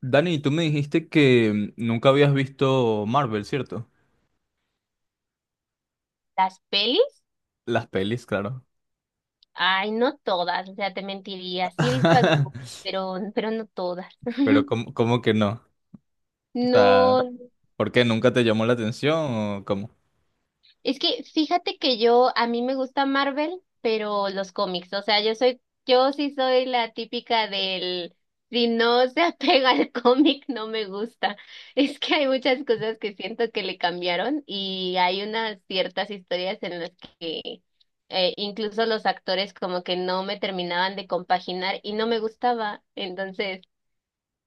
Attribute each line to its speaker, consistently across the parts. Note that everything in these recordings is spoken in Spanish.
Speaker 1: Dani, tú me dijiste que nunca habías visto Marvel, ¿cierto?
Speaker 2: Las pelis,
Speaker 1: Las pelis, claro.
Speaker 2: ay, no todas, o sea, te mentiría. Sí he visto algunas, pero no todas.
Speaker 1: Pero ¿cómo, cómo que no? O sea,
Speaker 2: No,
Speaker 1: ¿por qué nunca te llamó la atención o cómo?
Speaker 2: es que fíjate que yo, a mí me gusta Marvel, pero los cómics, o sea, yo sí soy la típica del, si no se apega al cómic, no me gusta. Es que hay muchas cosas que siento que le cambiaron y hay unas ciertas historias en las que incluso los actores como que no me terminaban de compaginar y no me gustaba. Entonces,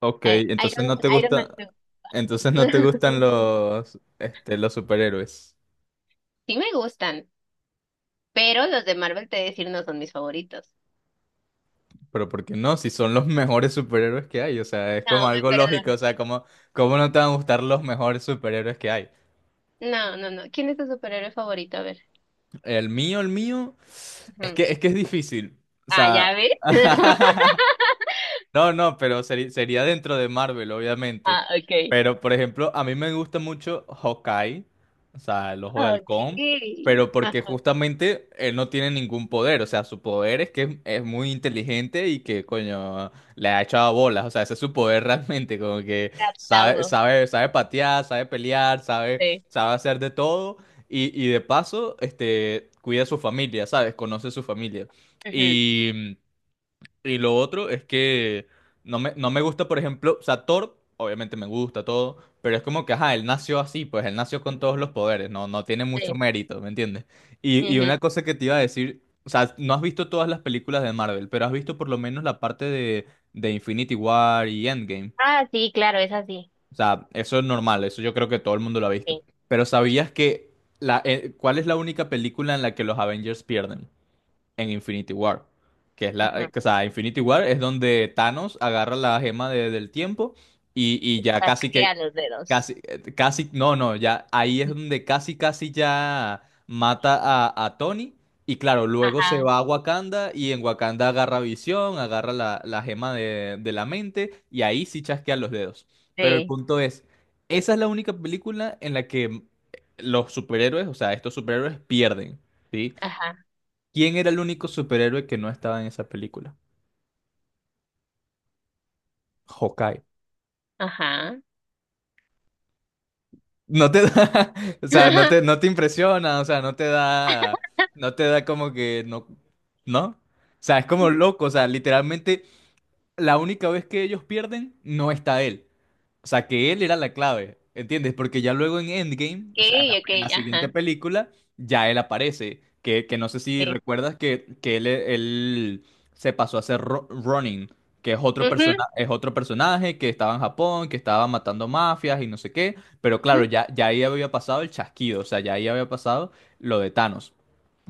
Speaker 1: Ok,
Speaker 2: eh,
Speaker 1: entonces
Speaker 2: Iron,
Speaker 1: no te
Speaker 2: Iron Man,
Speaker 1: gusta, entonces no te gustan los, este, los superhéroes.
Speaker 2: sí me gustan, pero los de Marvel, te voy a decir, no son mis favoritos.
Speaker 1: Pero ¿por qué no? Si son los mejores superhéroes que hay, o sea, es como
Speaker 2: No, me
Speaker 1: algo lógico, o
Speaker 2: perdona.
Speaker 1: sea, ¿cómo, cómo no te van a gustar los mejores superhéroes que hay?
Speaker 2: No, no, no. ¿Quién es tu superhéroe favorito? A ver.
Speaker 1: El mío, es que
Speaker 2: Ujú.
Speaker 1: es difícil. O
Speaker 2: Ah,
Speaker 1: sea,
Speaker 2: ¿ya ves?
Speaker 1: No, no, pero sería dentro de Marvel, obviamente.
Speaker 2: Ah, ok.
Speaker 1: Pero, por ejemplo, a mí me gusta mucho Hawkeye, o sea, el ojo de halcón,
Speaker 2: Okay.
Speaker 1: pero porque
Speaker 2: Ajá.
Speaker 1: justamente él no tiene ningún poder, o sea, su poder es que es muy inteligente y que, coño, le ha echado bolas, o sea, ese es su poder realmente, como que
Speaker 2: Te
Speaker 1: sabe,
Speaker 2: aplaudo.
Speaker 1: sabe, sabe patear, sabe pelear, sabe,
Speaker 2: Sí.
Speaker 1: sabe hacer de todo y de paso, este, cuida a su familia, ¿sabes? Conoce a su familia.
Speaker 2: Ujú.
Speaker 1: Y lo otro es que no me gusta, por ejemplo, o sea, Thor, obviamente me gusta todo, pero es como que, ajá, él nació así, pues él nació con todos los poderes, no, no tiene mucho
Speaker 2: Sí.
Speaker 1: mérito, ¿me entiendes? Y
Speaker 2: Ujú.
Speaker 1: una cosa que te iba a decir, o sea, no has visto todas las películas de Marvel, pero has visto por lo menos la parte de Infinity War y Endgame.
Speaker 2: Ah, sí, claro, es así.
Speaker 1: O sea, eso es normal, eso yo creo que todo el mundo lo ha visto.
Speaker 2: Sí.
Speaker 1: Pero ¿sabías que cuál es la única película en la que los Avengers pierden? En Infinity War. Que es la,
Speaker 2: Ujú.
Speaker 1: o sea, Infinity War es donde Thanos agarra la gema del tiempo y ya casi que,
Speaker 2: Chasquea los dedos.
Speaker 1: casi, casi, no, no, ya ahí es donde casi, casi ya mata a Tony. Y claro, luego se
Speaker 2: Ajá.
Speaker 1: va a Wakanda y en Wakanda agarra visión, agarra la, la gema de la mente y ahí sí chasquean los dedos. Pero el
Speaker 2: Sí.
Speaker 1: punto es, esa es la única película en la que los superhéroes, o sea, estos superhéroes pierden. ¿Sí?
Speaker 2: Ajá.
Speaker 1: ¿Quién era el único superhéroe que no estaba en esa película? Hawkeye.
Speaker 2: Ajá.
Speaker 1: No te da, o sea, no te, no te impresiona, o sea, no te da, no te da como que no, ¿no? O sea, es como loco, o sea, literalmente la única vez que ellos pierden no está él. O sea, que él era la clave, ¿entiendes? Porque ya luego en Endgame, o sea,
Speaker 2: Okay,
Speaker 1: en la
Speaker 2: okay,
Speaker 1: siguiente
Speaker 2: ajá.
Speaker 1: película, ya él aparece. Que no sé si
Speaker 2: Sí.
Speaker 1: recuerdas que él se pasó a ser Ronin, que es otro, persona,
Speaker 2: Ujú,
Speaker 1: es otro personaje que estaba en Japón, que estaba matando mafias y no sé qué. Pero claro,
Speaker 2: ujú,
Speaker 1: ya, ya ahí había pasado el chasquido, o sea, ya ahí había pasado lo de Thanos.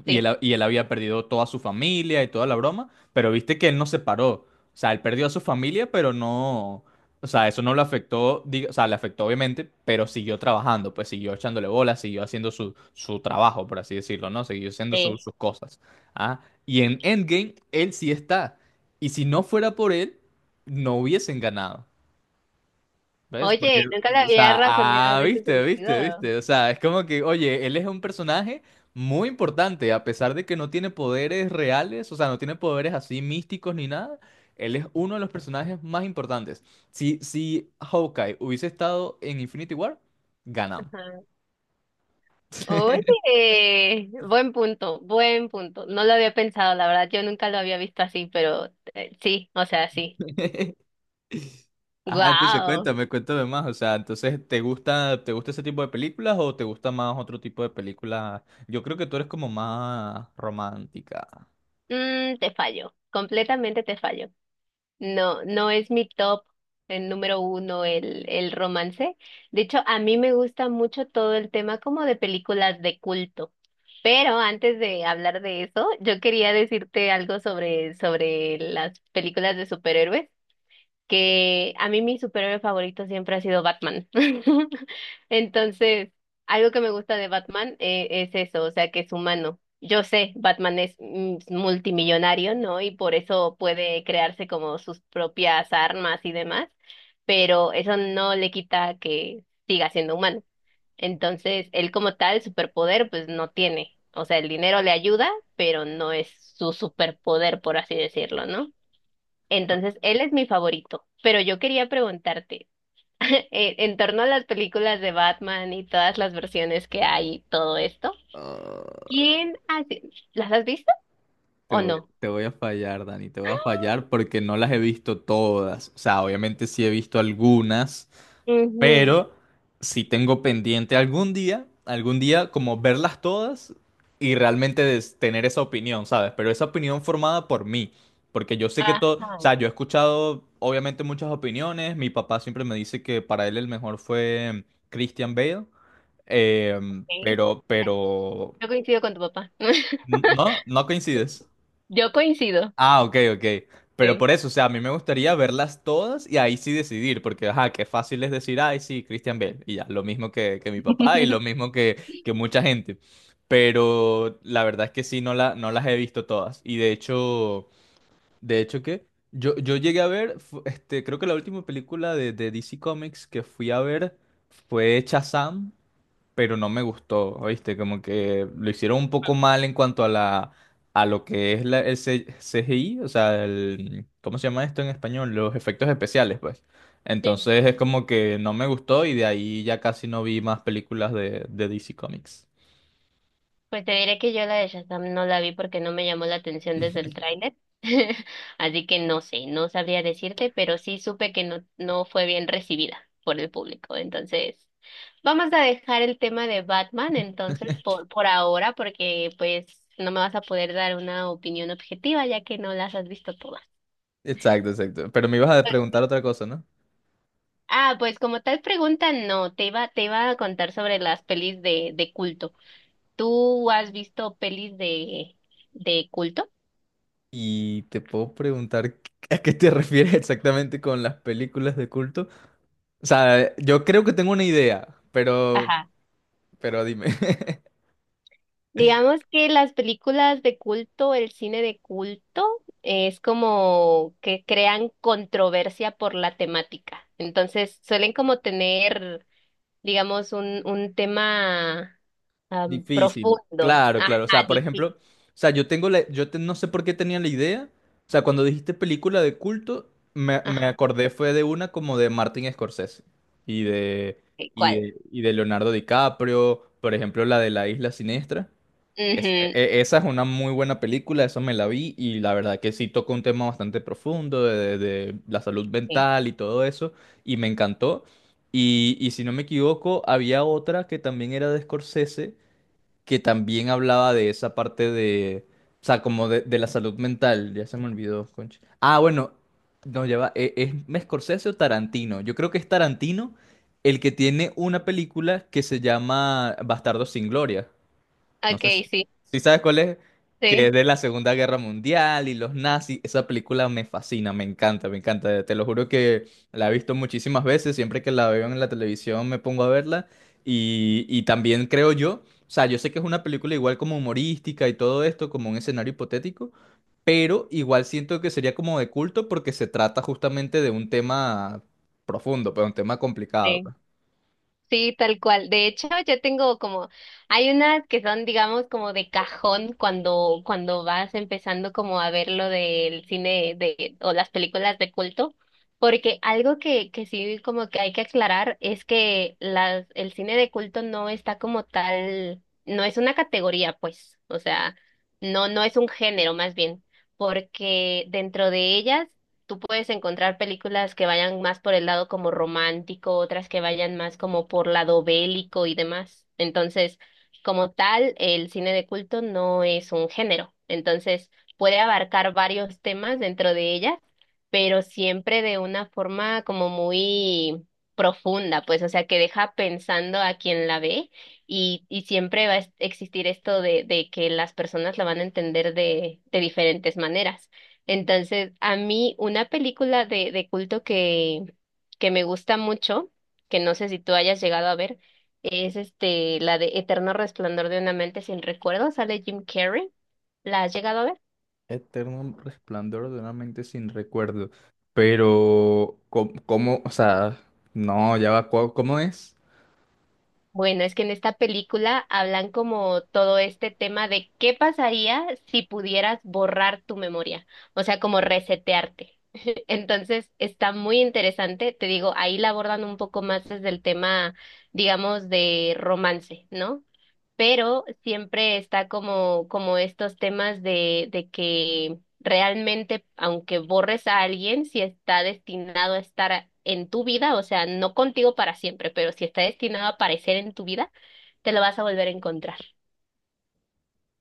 Speaker 1: Y
Speaker 2: sí.
Speaker 1: él, y él había perdido toda su familia y toda la broma, pero viste que él no se paró. O sea, él perdió a su familia, pero no. O sea, eso no lo afectó, o sea, le afectó obviamente, pero siguió trabajando, pues siguió echándole bolas, siguió haciendo su, su trabajo, por así decirlo, ¿no? Siguió haciendo
Speaker 2: Sí.
Speaker 1: sus cosas. ¿Ah? Y en Endgame, él sí está. Y si no fuera por él, no hubiesen ganado. ¿Ves? Porque,
Speaker 2: Oye, nunca la
Speaker 1: o
Speaker 2: había
Speaker 1: sea,
Speaker 2: razonado
Speaker 1: ah,
Speaker 2: de ese
Speaker 1: viste,
Speaker 2: sentido.
Speaker 1: viste, viste. O sea, es como que, oye, él es un personaje muy importante, a pesar de que no tiene poderes reales, o sea, no tiene poderes así místicos ni nada. Él es uno de los personajes más importantes. Si, si Hawkeye hubiese estado en Infinity War, ganamos.
Speaker 2: Ajá. Oye, buen punto, buen punto. No lo había pensado, la verdad, yo nunca lo había visto así, pero sí, o sea, sí.
Speaker 1: Ajá, entonces
Speaker 2: Wow.
Speaker 1: cuéntame, cuéntame más. O sea, entonces, te gusta ese tipo de películas o te gusta más otro tipo de películas? Yo creo que tú eres como más romántica.
Speaker 2: Mm, te fallo, completamente te fallo. No, no es mi top, el número uno, el romance. De hecho, a mí me gusta mucho todo el tema como de películas de culto. Pero antes de hablar de eso, yo quería decirte algo sobre, sobre las películas de superhéroes, que a mí mi superhéroe favorito siempre ha sido Batman. Entonces, algo que me gusta de Batman es eso, o sea, que es humano. Yo sé, Batman es mm, multimillonario, ¿no? Y por eso puede crearse como sus propias armas y demás, pero eso no le quita que siga siendo humano. Entonces, él como tal, superpoder, pues no tiene. O sea, el dinero le ayuda, pero no es su superpoder, por así decirlo, ¿no? Entonces, él es mi favorito. Pero yo quería preguntarte, en torno a las películas de Batman y todas las versiones que hay, y todo esto,
Speaker 1: Ah,
Speaker 2: ¿quién hace? ¿Las has visto o no?
Speaker 1: te voy a fallar, Dani, te voy a fallar porque no las he visto todas. O sea, obviamente sí he visto algunas,
Speaker 2: Ujú.
Speaker 1: pero sí tengo pendiente algún día como verlas todas y realmente tener esa opinión, ¿sabes? Pero esa opinión formada por mí, porque yo sé que todo, o
Speaker 2: Ajá,
Speaker 1: sea, yo he escuchado obviamente muchas opiniones, mi papá siempre me dice que para él el mejor fue Christian Bale,
Speaker 2: ok.
Speaker 1: pero,
Speaker 2: Yo coincido con tu papá.
Speaker 1: no, no coincides.
Speaker 2: Yo coincido.
Speaker 1: Ah, ok, ok. Pero
Speaker 2: Sí.
Speaker 1: por eso, o sea, a mí me gustaría verlas todas y ahí sí decidir, porque, ajá, qué fácil es decir, ay, sí, Christian Bale, y ya, lo mismo que mi papá y lo mismo que mucha gente. Pero la verdad es que sí, no, la, no las he visto todas. Y de hecho, ¿qué? Yo llegué a ver, este, creo que la última película de DC Comics que fui a ver fue Shazam, pero no me gustó, ¿viste? Como que lo hicieron un poco mal en cuanto a la a lo que es la, el CGI, o sea, el, ¿cómo se llama esto en español? Los efectos especiales, pues. Entonces es como que no me gustó y de ahí ya casi no vi más películas de DC Comics.
Speaker 2: Pues te diré que yo la de Shazam no la vi porque no me llamó la atención desde el tráiler. Así que no sé, no sabría decirte, pero sí supe que no, no fue bien recibida por el público. Entonces, vamos a dejar el tema de Batman entonces por ahora, porque pues no me vas a poder dar una opinión objetiva ya que no las has visto todas.
Speaker 1: Exacto, exacto. Pero me ibas a preguntar otra cosa, ¿no?
Speaker 2: Ah, pues como tal pregunta, no, te iba a contar sobre las pelis de culto. ¿Tú has visto pelis de culto?
Speaker 1: Y te puedo preguntar a qué te refieres exactamente con las películas de culto. O sea, yo creo que tengo una idea,
Speaker 2: Ajá.
Speaker 1: pero dime.
Speaker 2: Digamos que las películas de culto, el cine de culto, es como que crean controversia por la temática. Entonces, suelen como tener, digamos, un tema
Speaker 1: Difícil,
Speaker 2: profundo.
Speaker 1: claro,
Speaker 2: Ajá,
Speaker 1: claro. O sea, por ejemplo,
Speaker 2: difícil.
Speaker 1: o sea, yo tengo la, no sé por qué tenía la idea. O sea, cuando dijiste película de culto, me
Speaker 2: Ajá,
Speaker 1: acordé fue de una como de Martin Scorsese y de,
Speaker 2: ok,
Speaker 1: y
Speaker 2: ¿cuál?
Speaker 1: de, y de Leonardo DiCaprio, por ejemplo, la de La Isla Siniestra.
Speaker 2: Ujú,
Speaker 1: Esa es una muy buena película, eso me la vi y la verdad que sí toca un tema bastante profundo de, de la salud
Speaker 2: sí.
Speaker 1: mental y todo eso y me encantó. Y si no me equivoco, había otra que también era de Scorsese que también hablaba de esa parte de, o sea, como de la salud mental. Ya se me olvidó, concha. Ah, bueno, no, ya va. Es, Scorsese o Tarantino? Yo creo que es Tarantino el que tiene una película que se llama Bastardos sin Gloria. No
Speaker 2: Ok,
Speaker 1: sé si,
Speaker 2: sí,
Speaker 1: si sabes cuál es, que es
Speaker 2: sí,
Speaker 1: de la Segunda Guerra Mundial y los nazis. Esa película me fascina, me encanta, me encanta. Te lo juro que la he visto muchísimas veces. Siempre que la veo en la televisión me pongo a verla. Y también creo yo, o sea, yo sé que es una película igual como humorística y todo esto, como un escenario hipotético, pero igual siento que sería como de culto porque se trata justamente de un tema profundo, pero un tema complicado,
Speaker 2: sí.
Speaker 1: pues.
Speaker 2: Sí, tal cual. De hecho, yo tengo como, hay unas que son, digamos, como de cajón cuando, cuando vas empezando como a ver lo del cine de, o las películas de culto, porque algo que sí como que hay que aclarar es que las, el cine de culto no está como tal, no es una categoría, pues, o sea, no, no es un género más bien, porque dentro de ellas tú puedes encontrar películas que vayan más por el lado como romántico, otras que vayan más como por lado bélico y demás. Entonces, como tal, el cine de culto no es un género. Entonces, puede abarcar varios temas dentro de ella, pero siempre de una forma como muy profunda, pues, o sea, que deja pensando a quien la ve y siempre va a existir esto de que las personas la van a entender de diferentes maneras. Entonces, a mí una película de culto que me gusta mucho, que no sé si tú hayas llegado a ver, es este, la de Eterno Resplandor de una Mente sin Recuerdos, sale Jim Carrey. ¿La has llegado a ver?
Speaker 1: Eterno resplandor de una mente sin recuerdo. Pero, ¿cómo, o sea, no, ya va, ¿cómo, cómo es?
Speaker 2: Bueno, es que en esta película hablan como todo este tema de qué pasaría si pudieras borrar tu memoria, o sea, como resetearte. Entonces, está muy interesante, te digo, ahí la abordan un poco más desde el tema, digamos, de romance, ¿no? Pero siempre está como, como estos temas de que realmente, aunque borres a alguien, si está destinado a estar en tu vida, o sea, no contigo para siempre, pero si está destinado a aparecer en tu vida, te lo vas a volver a encontrar.